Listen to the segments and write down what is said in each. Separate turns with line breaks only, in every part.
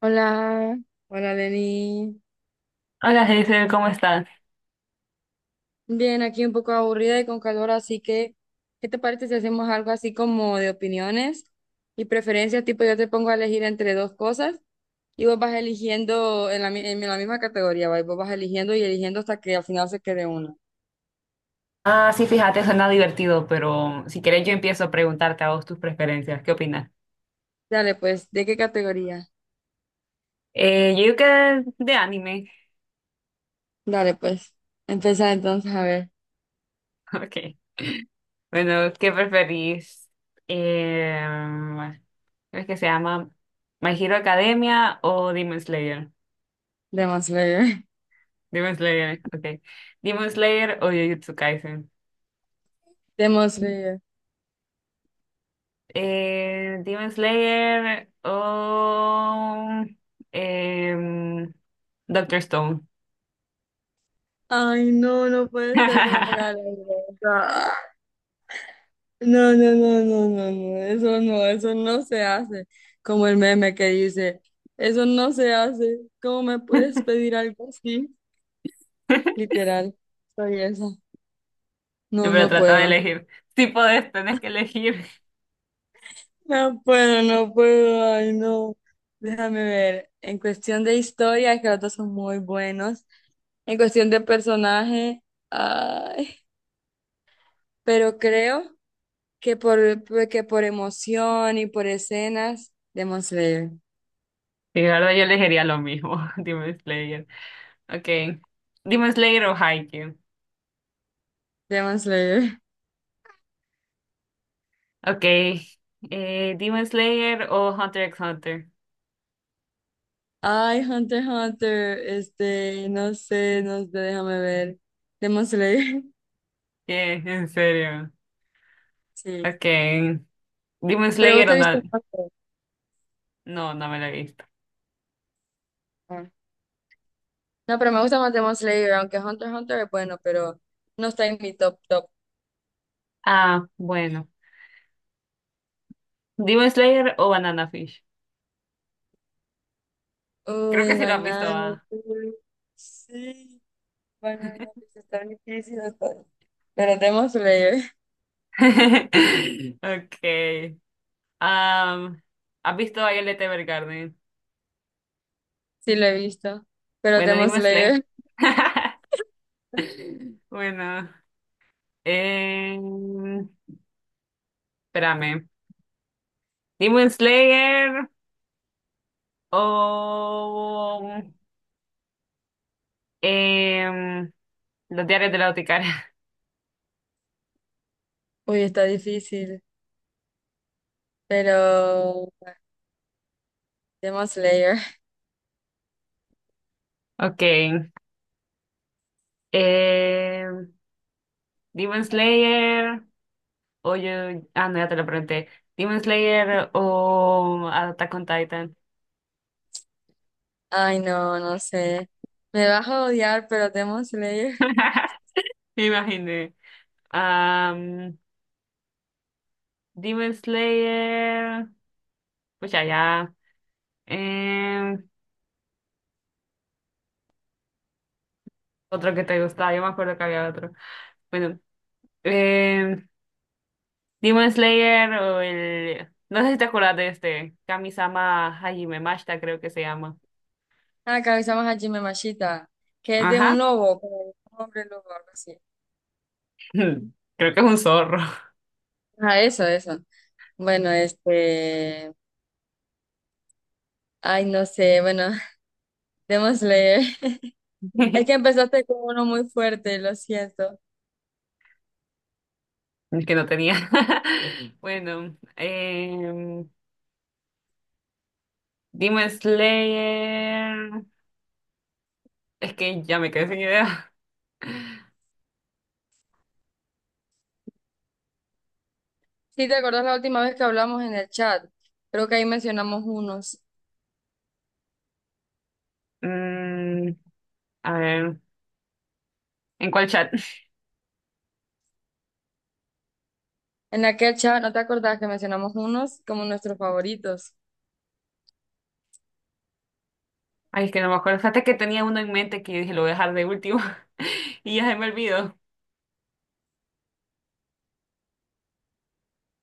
Hola, hola Lenny.
Hola, Hazel, ¿cómo estás?
Bien, aquí un poco aburrida y con calor, así que, ¿qué te parece si hacemos algo así como de opiniones y preferencias? Tipo, yo te pongo a elegir entre dos cosas y vos vas eligiendo en la misma categoría, ¿va? Y vos vas eligiendo y eligiendo hasta que al final se quede uno.
Ah, sí, fíjate, suena divertido, pero si quieres yo empiezo a preguntarte a vos tus preferencias. ¿Qué opinas?
Dale, pues, ¿de qué categoría?
Yo creo que de anime.
Dale, pues, empieza entonces a ver.
Ok. Bueno, ¿qué preferís? ¿Cómo es que se llama? ¿My Hero Academia o Demon Slayer?
Demon Slayer.
Demon Slayer, ok. ¿Demon Slayer o Jujutsu Kaisen?
Demon Slayer.
Demon Slayer o em, Doctor Stone.
Ay, no, no puede ser que me ponga la No, no, no, no, no, no, eso no, eso no se hace. Como el meme que dice, eso no se hace. ¿Cómo me puedes pedir algo así? Literal, soy esa. No,
Pero
no
trata de
puedo.
elegir. Si podés, tenés que elegir.
No puedo, no puedo, ay, no. Déjame ver. En cuestión de historia, que los dos son muy buenos. En cuestión de personaje, ay, pero creo que por, que por emoción y por escenas, Demon Slayer.
Y la verdad, yo elegiría lo mismo. Demon Slayer. Ok. Demon Slayer o Haikyuu.
Demon Slayer.
Ok. Demon Slayer o Hunter x Hunter.
Ay, Hunter x Hunter, este, no sé, no sé, déjame ver. Demon Slayer,
¿Qué? ¿En serio?
sí.
Ok. Demon
Pero vos
Slayer o
te
no.
viste Hunter.
No, no me lo he visto.
Ah. No, pero me gusta más Demon Slayer, aunque Hunter x Hunter es bueno, pero no está en mi top top.
Ah, bueno. Demon Slayer o Banana Fish. Creo que
Uy,
sí lo has visto,
banano,
ah.
uy, sí, banano, pues está difícil. Pero Demon Slayer,
Okay. Um, ¿Has visto Violet Evergarden?
sí lo he visto. Pero
Bueno,
Demon
Demon Slayer.
Slayer,
Bueno, eh, espérame. Demon Slayer o em, Los Diarios de la Boticaria.
uy, está difícil. Pero Demon Slayer.
Ok. em, Demon Slayer o yo. Ah, no, ya te lo pregunté. Demon Slayer o Attack on Titan.
Ay, no, no sé. Me vas a odiar, pero Demon Slayer.
Me imaginé. Am, Demon Slayer. Pues ya. em, otro que te gustaba, yo me acuerdo que había otro. Bueno, Eh, Demon Slayer o el... No sé si te acuerdas de este. Kamisama Hajime Mashita, creo que se llama.
Ah, que a Jimmy Mashita, que es de
Ajá.
un lobo, como de un hombre lobo, algo así.
Creo que es un zorro.
Ah, eso, eso. Bueno, este. Ay, no sé, bueno, Demon Slayer. Es que empezaste con uno muy fuerte, lo siento.
Que no tenía. Bueno, Demon Slayer. Es que ya me quedé sin idea.
Sí, ¿te acordás la última vez que hablamos en el chat? Creo que ahí mencionamos unos.
Mm, a ver, ¿en cuál chat?
En aquel chat, ¿no te acordás que mencionamos unos como nuestros favoritos?
Ay, es que no me acuerdo. Fíjate que tenía uno en mente que dije lo voy a dejar de último y ya se me olvidó.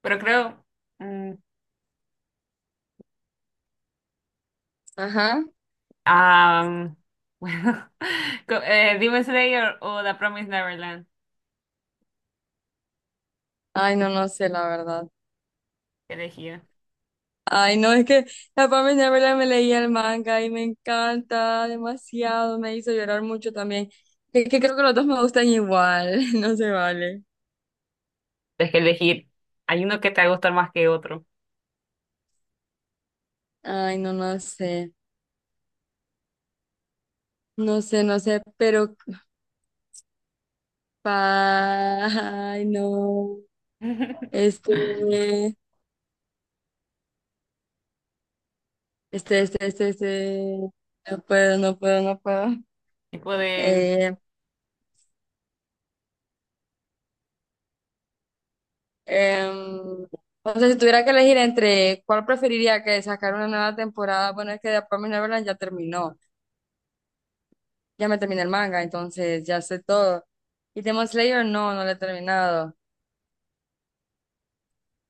Pero creo. mm,
Ajá.
Ah, bueno, Demon Slayer o The Promised Neverland,
Ay, no, no sé, la verdad.
¿qué elegir?
Ay, no, es que la Pamela Neverland me leía el manga y me encanta demasiado, me hizo llorar mucho también. Es que creo que los dos me gustan igual, no se vale.
Es que elegir. Hay uno que te va a gustar más que otro.
Ay, no, no sé, no sé, no sé, pero, pa- ay, no, este, este, este, este, este, no puedo, no puedo, no puedo.
Tipo de
Eh, em, o sea, si tuviera que elegir entre cuál preferiría que sacar una nueva temporada, bueno, es que The Promised Neverland ya terminó. Ya me terminé el manga, entonces ya sé todo. Y Demon Slayer no, no lo he terminado,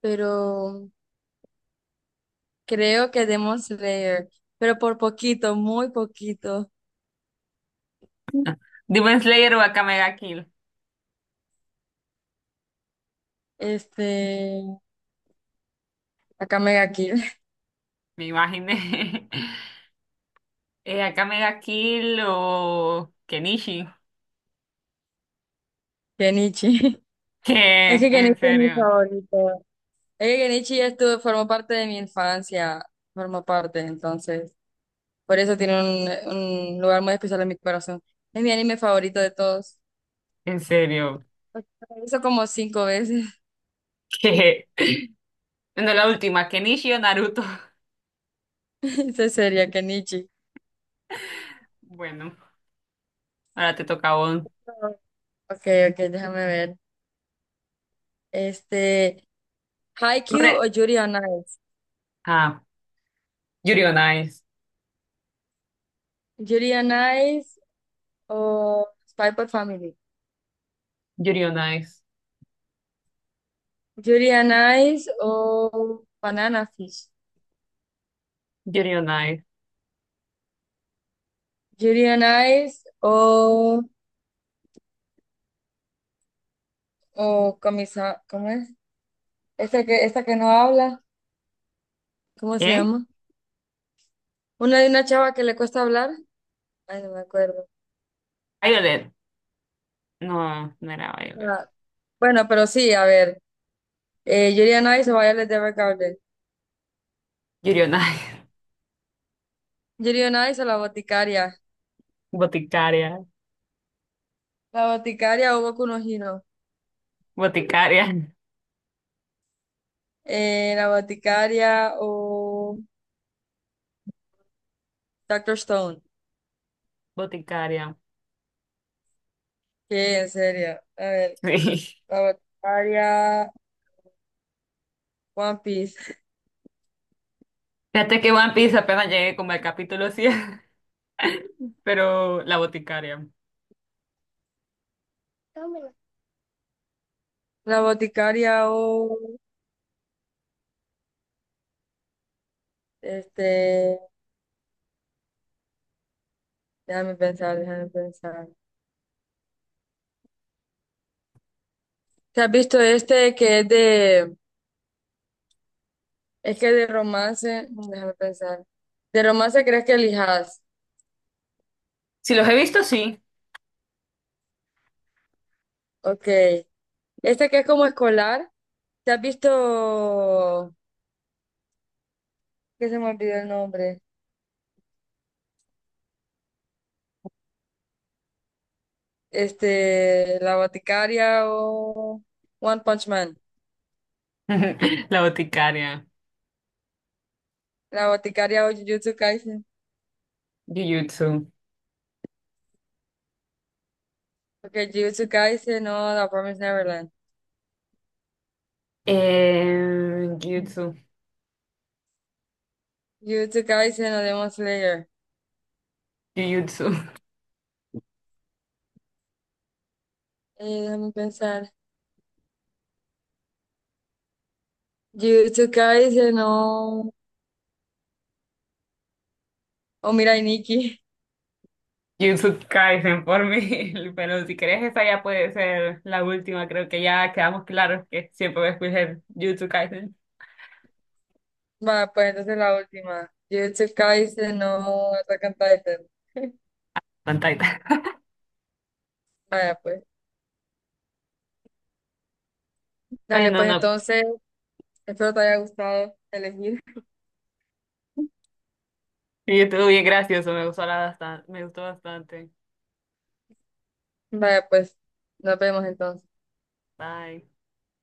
pero creo que Demon Slayer, pero por poquito, muy poquito,
Demon Slayer o Akame ga Kill,
este, acá Mega Kill,
me imaginé. Akame ga Kill o Kenichi.
Genichi. Es
¿Qué?
que
En
Genichi es mi
serio,
favorito. Es que Genichi ya estuvo, formó parte de mi infancia, formó parte, entonces, por eso tiene un lugar muy especial en mi corazón. Es mi anime favorito de todos.
en serio.
Lo hizo como 5 veces.
¿Qué? Bueno, la última, Kenichi o Naruto.
Ese sería Kenichi.
Bueno, ahora te toca a vos.
Ok, ok, déjame ver. Este, Haikyuu
Hombre,
o Yuri on Ice.
ah, Yuri on Ice.
Yuri on Ice o Spy x Family.
Yuri on Ice.
Yuri on Ice o Banana Fish.
Yuri on Ice.
Yuri on Ice o Comisa, ¿cómo es? Esta que no habla, ¿cómo se
¿Qué?
llama? Una de una chava que le cuesta hablar. Ay, no me acuerdo.
Violet. No, no era Violet.
Ah, bueno, pero sí, a ver. Yuri on Ice o Violet Evergarden.
Yuri on Ice.
Yuri on Ice o La Boticaria.
Boticaria.
La Boticaria o Boku no Hero.
Boticaria.
La boticaria o Doctor Stone.
Boticaria.
¿Qué? En serio. A ver,
Sí.
la boticaria, One Piece.
Fíjate que One Piece apenas llegué como al capítulo 100, pero la boticaria.
Dámela. La boticaria o este, déjame pensar, déjame pensar. ¿Te has visto este que es de, es que de romance? No, déjame pensar. ¿De romance crees que elijas?
Si los he visto, sí.
Ok. Este que es como escolar. ¿Te has visto? Que se me olvidó el nombre. Este, La Boticaria o One Punch Man.
La boticaria.
La Boticaria o Jujutsu Kaisen.
Jujutsu.
Porque Jujutsu Kaisen o The Promised Neverland.
Jujutsu.
Jujutsu Kaisen o Demon Slayer.
Jujutsu.
Déjame pensar. Jujutsu Kaisen o, o Mirai Nikki.
Jujutsu Kaisen por mí. Pero si querés, esa ya puede ser la última. Creo que ya quedamos claros que siempre voy a escoger Jujutsu Kaisen.
Vaya, pues entonces la última. Jujutsu Kaisen o Attack on Titan.
Pantalla.
Vaya, pues. Dale,
Bueno,
pues
no.
entonces, espero te haya gustado elegir.
Y estuvo bien gracioso, me gustó la- bastante, me gustó bastante.
Vaya, pues, nos vemos entonces.
Bye.